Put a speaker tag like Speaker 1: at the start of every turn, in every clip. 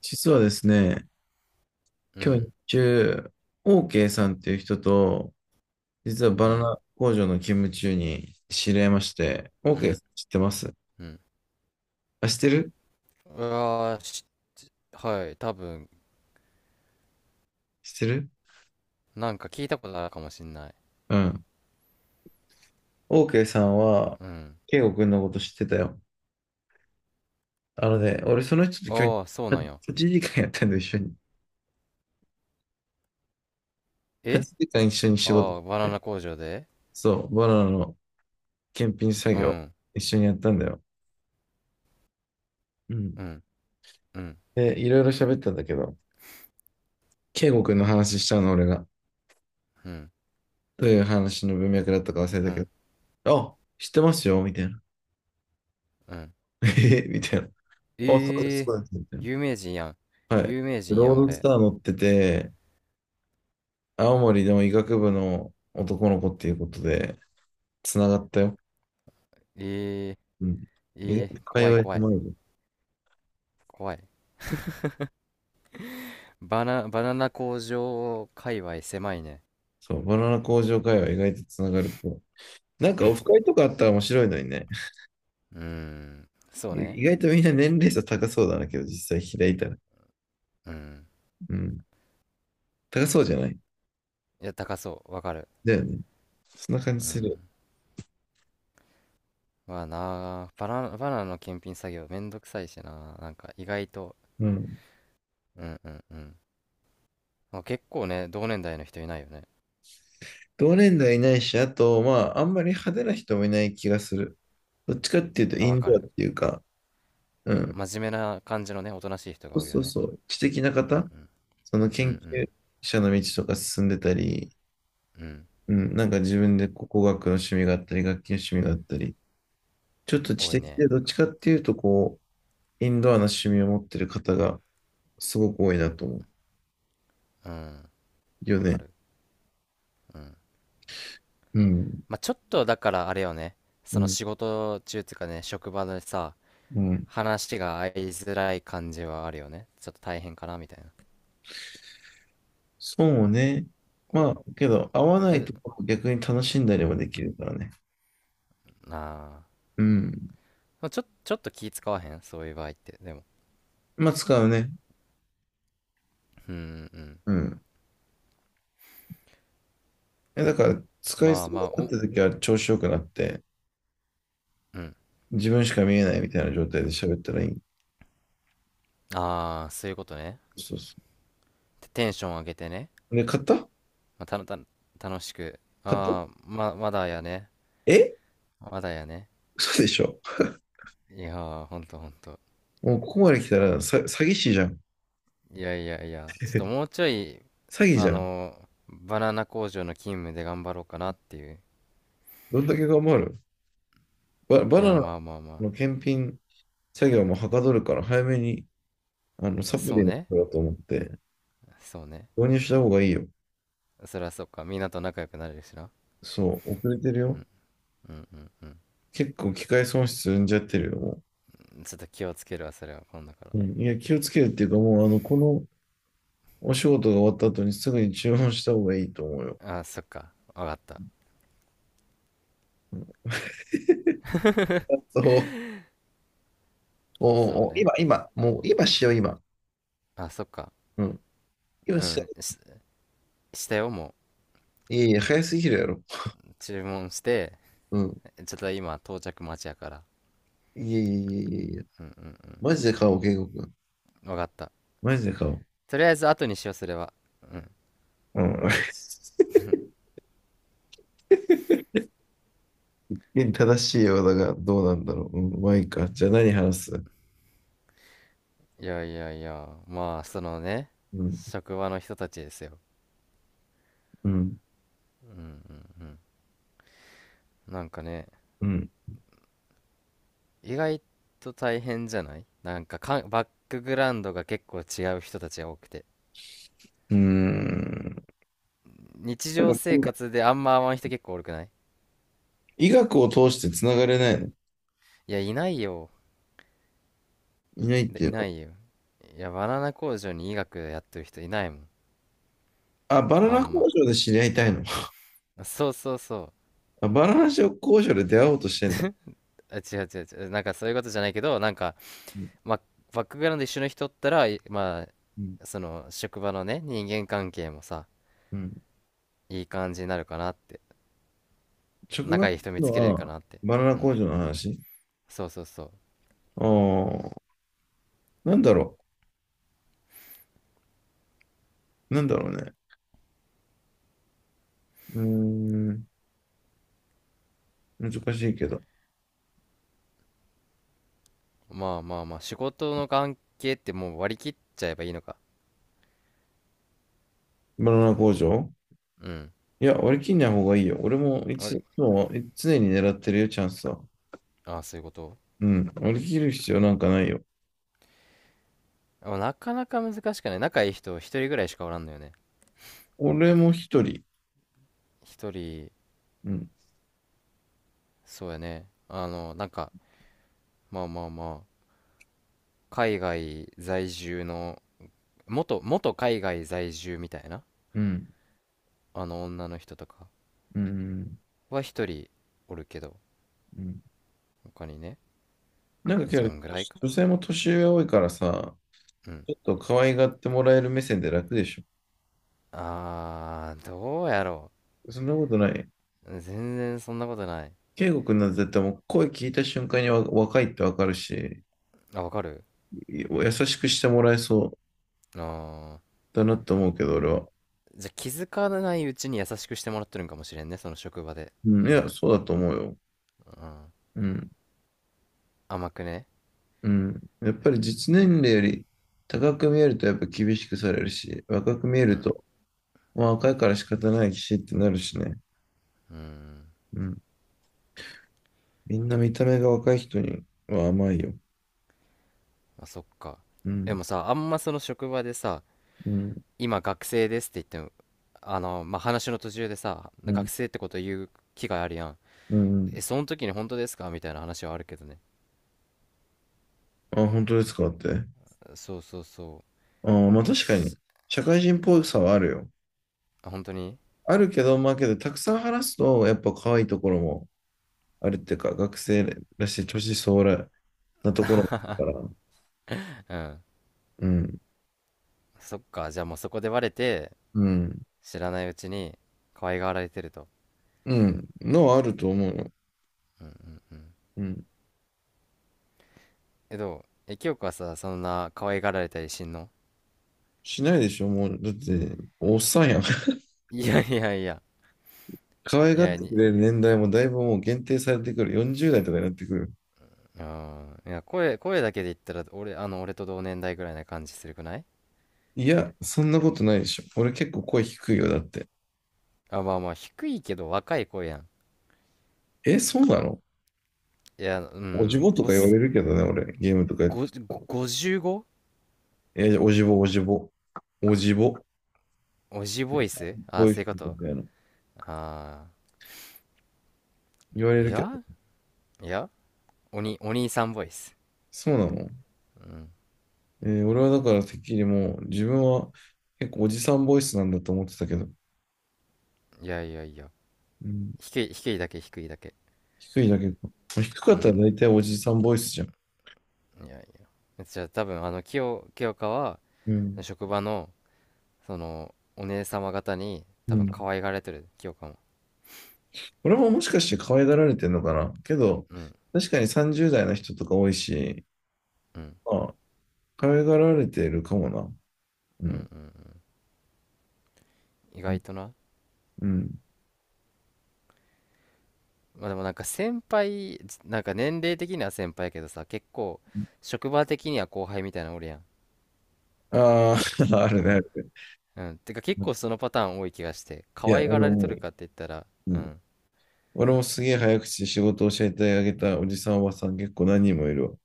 Speaker 1: 実はですね、
Speaker 2: う
Speaker 1: 今日
Speaker 2: ん、
Speaker 1: 日中、OK さんっていう人と、実は
Speaker 2: う
Speaker 1: バナ
Speaker 2: ん、
Speaker 1: ナ工場の勤務中に知り合いまして、
Speaker 2: う
Speaker 1: OK さ
Speaker 2: ん、
Speaker 1: ん知ってます？
Speaker 2: うん。
Speaker 1: あ、知ってる
Speaker 2: うわーし、はい、多分、
Speaker 1: 知ってる。
Speaker 2: なんか聞いたことあるかもしんない。
Speaker 1: うん。OK さんは、
Speaker 2: うん。
Speaker 1: 圭吾んのこと知ってたよ。あのね、俺その人と今日
Speaker 2: ああ、そうなんや。
Speaker 1: 8時間やったんだよ、一緒に。
Speaker 2: え、
Speaker 1: 8時間一緒に
Speaker 2: あ
Speaker 1: 仕
Speaker 2: あ
Speaker 1: 事、
Speaker 2: ー、バナナ工場で。
Speaker 1: そう、バナナの検品作
Speaker 2: う
Speaker 1: 業、
Speaker 2: ん、
Speaker 1: 一緒にやったんだよ。うん。
Speaker 2: うん、うん、
Speaker 1: で、いろいろ喋ったんだけど、圭吾んの話したの、俺が。
Speaker 2: うん、
Speaker 1: どういう話の文脈だったか忘
Speaker 2: う
Speaker 1: れたけ
Speaker 2: ん、
Speaker 1: ど、あ、知ってますよ、みたいな。
Speaker 2: うん。
Speaker 1: えみたいな。あ、そうで
Speaker 2: え
Speaker 1: す、
Speaker 2: え、
Speaker 1: そうです、みたい
Speaker 2: 有名人やん。
Speaker 1: な。はい。
Speaker 2: 有名人
Speaker 1: ロ
Speaker 2: や
Speaker 1: ー
Speaker 2: ん、
Speaker 1: ドス
Speaker 2: 俺。
Speaker 1: ター乗ってて、青森の医学部の男の子っていうことで、つながったよ。
Speaker 2: ええ、
Speaker 1: うん。意
Speaker 2: え
Speaker 1: 外
Speaker 2: え、
Speaker 1: と会
Speaker 2: 怖い
Speaker 1: 話
Speaker 2: 怖い、
Speaker 1: 狭いぞ。
Speaker 2: 怖い。バナナ工場界隈狭いね。
Speaker 1: そう、バナナ工場会話意外とつながる。なんかオフ会 とかあったら面白いのにね。
Speaker 2: うーん、そう
Speaker 1: い
Speaker 2: ね。
Speaker 1: 意外とみんな年齢差高そうだなけど、実際開いたら。
Speaker 2: うん。
Speaker 1: うん。高そうじゃない？
Speaker 2: いや、高そう、わかる。
Speaker 1: だよね。そんな感
Speaker 2: う
Speaker 1: じする。
Speaker 2: ん。はなあ、バナナの検品作業めんどくさいしな。なんか意外と、
Speaker 1: うん。
Speaker 2: うんうんうん。まあ結構ね、同年代の人いないよね。
Speaker 1: 同年代いないし、あと、まあ、あんまり派手な人もいない気がする。どっちかっていうと、
Speaker 2: あ、
Speaker 1: イ
Speaker 2: わ
Speaker 1: ン
Speaker 2: か
Speaker 1: ドアっ
Speaker 2: る。
Speaker 1: ていうか、うん。
Speaker 2: 真面目な感じのね、おとなしい人が
Speaker 1: そう
Speaker 2: 多いよ
Speaker 1: そう
Speaker 2: ね。
Speaker 1: そう。知的な
Speaker 2: うん
Speaker 1: 方、
Speaker 2: うん。
Speaker 1: その
Speaker 2: う
Speaker 1: 研究
Speaker 2: ん
Speaker 1: 者の道とか進んでたり、
Speaker 2: うん。うん。
Speaker 1: うん。なんか自分でこう工学の趣味があったり、楽器の趣味があったり、ちょっと知
Speaker 2: 多い
Speaker 1: 的
Speaker 2: ね。
Speaker 1: で、どっちかっていうと、こう、インドアな趣味を持ってる方がすごく多いなと思う
Speaker 2: うん。
Speaker 1: よ
Speaker 2: わか
Speaker 1: ね。
Speaker 2: る。うん。
Speaker 1: うん。
Speaker 2: まあちょっとだからあれよね。
Speaker 1: う
Speaker 2: その
Speaker 1: ん。
Speaker 2: 仕事中っていうかね、職場でさ、
Speaker 1: うん。
Speaker 2: 話が合いづらい感じはあるよね。ちょっと大変かなみたいな。
Speaker 1: そうね。
Speaker 2: お、
Speaker 1: まあ、けど、合わない
Speaker 2: え、
Speaker 1: ところを逆に楽しんだりもできるからね。
Speaker 2: なあ。
Speaker 1: うん。
Speaker 2: ちょっと気使わへんそういう場合って。でも。
Speaker 1: まあ使うね。
Speaker 2: うんうん。
Speaker 1: うん。え、だから、使い
Speaker 2: まあ
Speaker 1: そうに
Speaker 2: まあ、
Speaker 1: なっ
Speaker 2: お、
Speaker 1: た時は調子よくなって、
Speaker 2: うん。
Speaker 1: 自分しか見えないみたいな状態で喋ったらいい。
Speaker 2: ああ、そういうことね。
Speaker 1: そうそ
Speaker 2: テンション上げてね。
Speaker 1: う。で、買った
Speaker 2: まあ、たの、たの、楽しく。
Speaker 1: 買った？
Speaker 2: ああ、まだやね。
Speaker 1: え？
Speaker 2: まだやね。
Speaker 1: 嘘でしょ？
Speaker 2: いやー、ほんとほんと。
Speaker 1: もうここまで来たらさ、詐欺師じゃん。
Speaker 2: いやいやいや、ちょっともうちょい、
Speaker 1: 詐欺じ
Speaker 2: あ
Speaker 1: ゃん。
Speaker 2: のー、バナナ工場の勤務で頑張ろうかなっていう。
Speaker 1: どんだけ頑張る？バ
Speaker 2: い
Speaker 1: ナ
Speaker 2: や、
Speaker 1: ナ
Speaker 2: まあまあま
Speaker 1: の検品作業もはかどるから、早めに、あの、
Speaker 2: あ。
Speaker 1: サプ
Speaker 2: そう
Speaker 1: リのこ
Speaker 2: ね。
Speaker 1: とだと思って、
Speaker 2: そうね。
Speaker 1: 導入した方がいいよ。
Speaker 2: そりゃそうか。みんなと仲良くなれるしな。
Speaker 1: そう、遅れてる
Speaker 2: う
Speaker 1: よ。
Speaker 2: んうんうんうん。
Speaker 1: 結構機械損失生んじゃってるよ、も
Speaker 2: ちょっと気をつけるわ、それは、今度か
Speaker 1: う。うん、いや、気をつけるっていうか、もう、あの、この、お仕事が終わった後にすぐに注文した方がいいと思うよ。
Speaker 2: ら。ああ、そっか。わかった。
Speaker 1: そう。お
Speaker 2: そう
Speaker 1: お
Speaker 2: ね。
Speaker 1: 今、今、もう今しよう、今。
Speaker 2: あ、そっか。
Speaker 1: うん。今
Speaker 2: う
Speaker 1: しよ
Speaker 2: ん。したよ、も
Speaker 1: う。いやいや、早すぎるやろ。
Speaker 2: う。注文して、
Speaker 1: うん。
Speaker 2: ちょっと今到着待ちやから。
Speaker 1: いやいやいやいやいや。
Speaker 2: うんうん
Speaker 1: マジで買おう、健吾君。
Speaker 2: うん。わかった。
Speaker 1: マジで買おう。
Speaker 2: とりあえず後にしよう、それは。うん。
Speaker 1: うん。正しいようだが、どうなんだろう。うん、まあいいか。じゃあ何話す？
Speaker 2: いやいやいや、まあ、そのね、
Speaker 1: うん、
Speaker 2: 職場の人たちですよ。
Speaker 1: うん、
Speaker 2: うんうんうん。なんかね、
Speaker 1: うん、
Speaker 2: 意外と大変じゃない、なんかかん、バックグラウンドが結構違う人たちが多くて。
Speaker 1: うーん。
Speaker 2: 日
Speaker 1: な
Speaker 2: 常
Speaker 1: んかこ
Speaker 2: 生
Speaker 1: の
Speaker 2: 活であんま会わん人結構多くない？
Speaker 1: 医学を通してつながれないの？
Speaker 2: いや、いないよ。
Speaker 1: いないって
Speaker 2: で
Speaker 1: いう
Speaker 2: いな
Speaker 1: の？
Speaker 2: いよ。いや、バナナ工場に医学やってる人いないもん。
Speaker 1: あ、バナ
Speaker 2: あ
Speaker 1: ナ
Speaker 2: ん
Speaker 1: 工
Speaker 2: ま。
Speaker 1: 場で知り合いたいの？
Speaker 2: そうそうそう。
Speaker 1: あ、バナナ交渉で出会おうとしてんだ。
Speaker 2: あ、違う違う違う。なんかそういうことじゃないけど、なんか、
Speaker 1: うん
Speaker 2: まあ、バックグラウンド一緒の人ったら、い、ま
Speaker 1: うん
Speaker 2: あ、その、職場のね、人間関係もさ、
Speaker 1: うん。
Speaker 2: いい感じになるかなって。
Speaker 1: 職場っ
Speaker 2: 仲
Speaker 1: てい
Speaker 2: いい人
Speaker 1: う
Speaker 2: 見つ
Speaker 1: の
Speaker 2: けれるか
Speaker 1: は、
Speaker 2: なって。
Speaker 1: バナナ
Speaker 2: うん。
Speaker 1: 工場の話？
Speaker 2: そうそうそ
Speaker 1: ああ、なんだろう。なんだろうね。うーん。難しいけど。
Speaker 2: う。まあまあまあ、仕事の関係ってもう割り切っちゃえばいいのか。
Speaker 1: バナナ工場
Speaker 2: うん。
Speaker 1: いや、割り切んない方がいいよ。俺もい
Speaker 2: あれ、
Speaker 1: つもい常に狙ってるよ、チャンスは。
Speaker 2: ああ、そういうこと。
Speaker 1: うん。割り切る必要なんかないよ。
Speaker 2: あ、なかなか難しくない？仲いい人一人ぐらいしかおらんのよね。
Speaker 1: 俺も一人。
Speaker 2: 一人、
Speaker 1: うん。
Speaker 2: そうやね。あの、なんか、まあまあまあ、海外在住の、元海外在住みたいな、
Speaker 1: うん。
Speaker 2: あの女の人とか
Speaker 1: うん。
Speaker 2: は一人おるけど、
Speaker 1: うん。
Speaker 2: 他にね、
Speaker 1: なんかけ
Speaker 2: そ
Speaker 1: ど、
Speaker 2: んぐらいか。
Speaker 1: 女性も年上多いからさ、
Speaker 2: うん。
Speaker 1: ちょっと可愛がってもらえる目線で楽でし
Speaker 2: あー、どうやろ
Speaker 1: ょ。そんなことない？
Speaker 2: う。全然そんなことない。
Speaker 1: 圭吾君なんて絶対もう声聞いた瞬間にわ若いってわかるし、
Speaker 2: あ、わかる。
Speaker 1: 優しくしてもらえそう
Speaker 2: あ
Speaker 1: だなと思うけど、俺は。
Speaker 2: ー。じゃあ気づかないうちに優しくしてもらってるんかもしれんね、その職場で。
Speaker 1: うん、い
Speaker 2: う
Speaker 1: や、
Speaker 2: ん、
Speaker 1: そうだと思うよ。
Speaker 2: うん。
Speaker 1: うん、
Speaker 2: 甘くね。
Speaker 1: うん。やっぱり実年齢より高く見えるとやっぱ厳しくされるし、若く見え
Speaker 2: う
Speaker 1: る
Speaker 2: ん、
Speaker 1: と、まあ若いから仕方ないしってなるしね。
Speaker 2: うん。
Speaker 1: うん。みんな見た目が若い人には甘いよ。
Speaker 2: あ、そっか。
Speaker 1: う
Speaker 2: で
Speaker 1: ん、
Speaker 2: もさ、あんまその職場でさ、
Speaker 1: うん、
Speaker 2: 今学生ですって言っても、あの、まあ、話の途中でさ、
Speaker 1: う
Speaker 2: 学
Speaker 1: ん、
Speaker 2: 生ってこと言う機会あるやん。
Speaker 1: うん。
Speaker 2: え、その時に本当ですかみたいな話はあるけどね。
Speaker 1: あ、本当ですかって。
Speaker 2: そうそうそ
Speaker 1: あ、まあ
Speaker 2: う。
Speaker 1: 確かに、
Speaker 2: す、
Speaker 1: 社会人っぽさはあるよ。
Speaker 2: あ、本当に？
Speaker 1: あるけど、まあけど、たくさん話すと、やっぱ可愛いところもあるっていうか、学生らしい年相応なところもあるから、
Speaker 2: うん。
Speaker 1: うん、
Speaker 2: そっか。じゃあもうそこでバレて、
Speaker 1: うん、
Speaker 2: 知らないうちに可愛がられてると。
Speaker 1: うん、のはあると思うよ。うん。
Speaker 2: え、どう？え、清香はさ、そんな可愛がられたりしんの？
Speaker 1: しないでしょ、もう。だって、おっさんやん。
Speaker 2: いやいやいや。
Speaker 1: 可愛
Speaker 2: い
Speaker 1: がっ
Speaker 2: や、
Speaker 1: て
Speaker 2: に、
Speaker 1: くれる年代もだいぶもう限定されてくる。40代とかになってくる。
Speaker 2: うん。いや、声だけで言ったら、俺、あの、俺と同年代ぐらいな感じするくない？
Speaker 1: いや、そんなことないでしょ。俺結構声低いよ、だって。
Speaker 2: あ、まあまあ、低いけど若い声やん。
Speaker 1: え、そうなの？
Speaker 2: いや、う
Speaker 1: おじ
Speaker 2: ん。
Speaker 1: ぼと
Speaker 2: お
Speaker 1: か言われ
Speaker 2: す、
Speaker 1: るけどね、俺。ゲームとかやってたら。
Speaker 2: ご 55？
Speaker 1: え、おじぼ、おじぼ。おじぼ。
Speaker 2: おじボイス、
Speaker 1: こう
Speaker 2: あ、
Speaker 1: いう
Speaker 2: そうい
Speaker 1: 人
Speaker 2: うこ
Speaker 1: み
Speaker 2: と？
Speaker 1: たいな。
Speaker 2: あ
Speaker 1: 言わ
Speaker 2: あ
Speaker 1: れ
Speaker 2: ー。
Speaker 1: るけど、
Speaker 2: いや、お兄さんボイス。
Speaker 1: そうなの？
Speaker 2: うん。
Speaker 1: えー俺はだからてっきりもう自分は結構おじさんボイスなんだと思ってたけど、
Speaker 2: いやいやいや。
Speaker 1: うん、
Speaker 2: 低い、低いだけ。
Speaker 1: 低いだけか。低か
Speaker 2: う
Speaker 1: ったら
Speaker 2: ん。
Speaker 1: 大体おじさんボイスじゃん。
Speaker 2: いやいや。じゃあ多分、あの、清香は、
Speaker 1: うん。
Speaker 2: 職場の、その、お姉様方に、
Speaker 1: う
Speaker 2: 多分、
Speaker 1: ん。
Speaker 2: 可愛がられてる、清香も。
Speaker 1: 俺ももしかして可愛がられてんのかなけど、
Speaker 2: うん、
Speaker 1: 確かに30代の人とか多いし、
Speaker 2: うん、
Speaker 1: まあ、可愛がられてるかもな。う
Speaker 2: うん、う
Speaker 1: ん。
Speaker 2: ん、うん。意外とな。
Speaker 1: うん。
Speaker 2: まあでもなんか先輩、なんか年齢的には先輩やけどさ、結構、職場的には後輩みたいなのおるやん。
Speaker 1: ああ、あるね、あ
Speaker 2: あ、
Speaker 1: るね。
Speaker 2: うん。てか結
Speaker 1: うん、
Speaker 2: 構そのパターン多い気がして、
Speaker 1: い
Speaker 2: 可
Speaker 1: や、
Speaker 2: 愛
Speaker 1: 俺
Speaker 2: がられと
Speaker 1: も、
Speaker 2: るかって言ったら、
Speaker 1: う
Speaker 2: う
Speaker 1: ん、
Speaker 2: ん、
Speaker 1: 俺もすげえ早口で仕事を教えてあげたおじさん、おばさん結構何人もいるわ。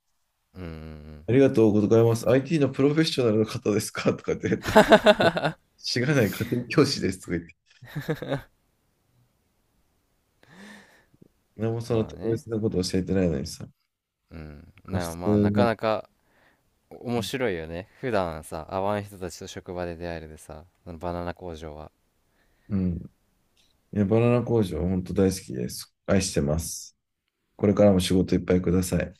Speaker 2: うん、うん、
Speaker 1: ありがとうございます。IT のプロフェッショナルの方ですかとかって言って、知らない家庭教師ですとか言って、何もそ
Speaker 2: うん。
Speaker 1: の
Speaker 2: まあ
Speaker 1: 特
Speaker 2: ね。
Speaker 1: 別なこと教えてないのにさ、
Speaker 2: うん。
Speaker 1: 普
Speaker 2: な、まあ、
Speaker 1: 通
Speaker 2: なか
Speaker 1: の、
Speaker 2: なか面白いよね。普段さ、会わん人たちと職場で出会えるでさ、あのバナナ工場は。
Speaker 1: うん。いや、バナナ工場、本当大好きです。愛してます。これからも仕事いっぱいください。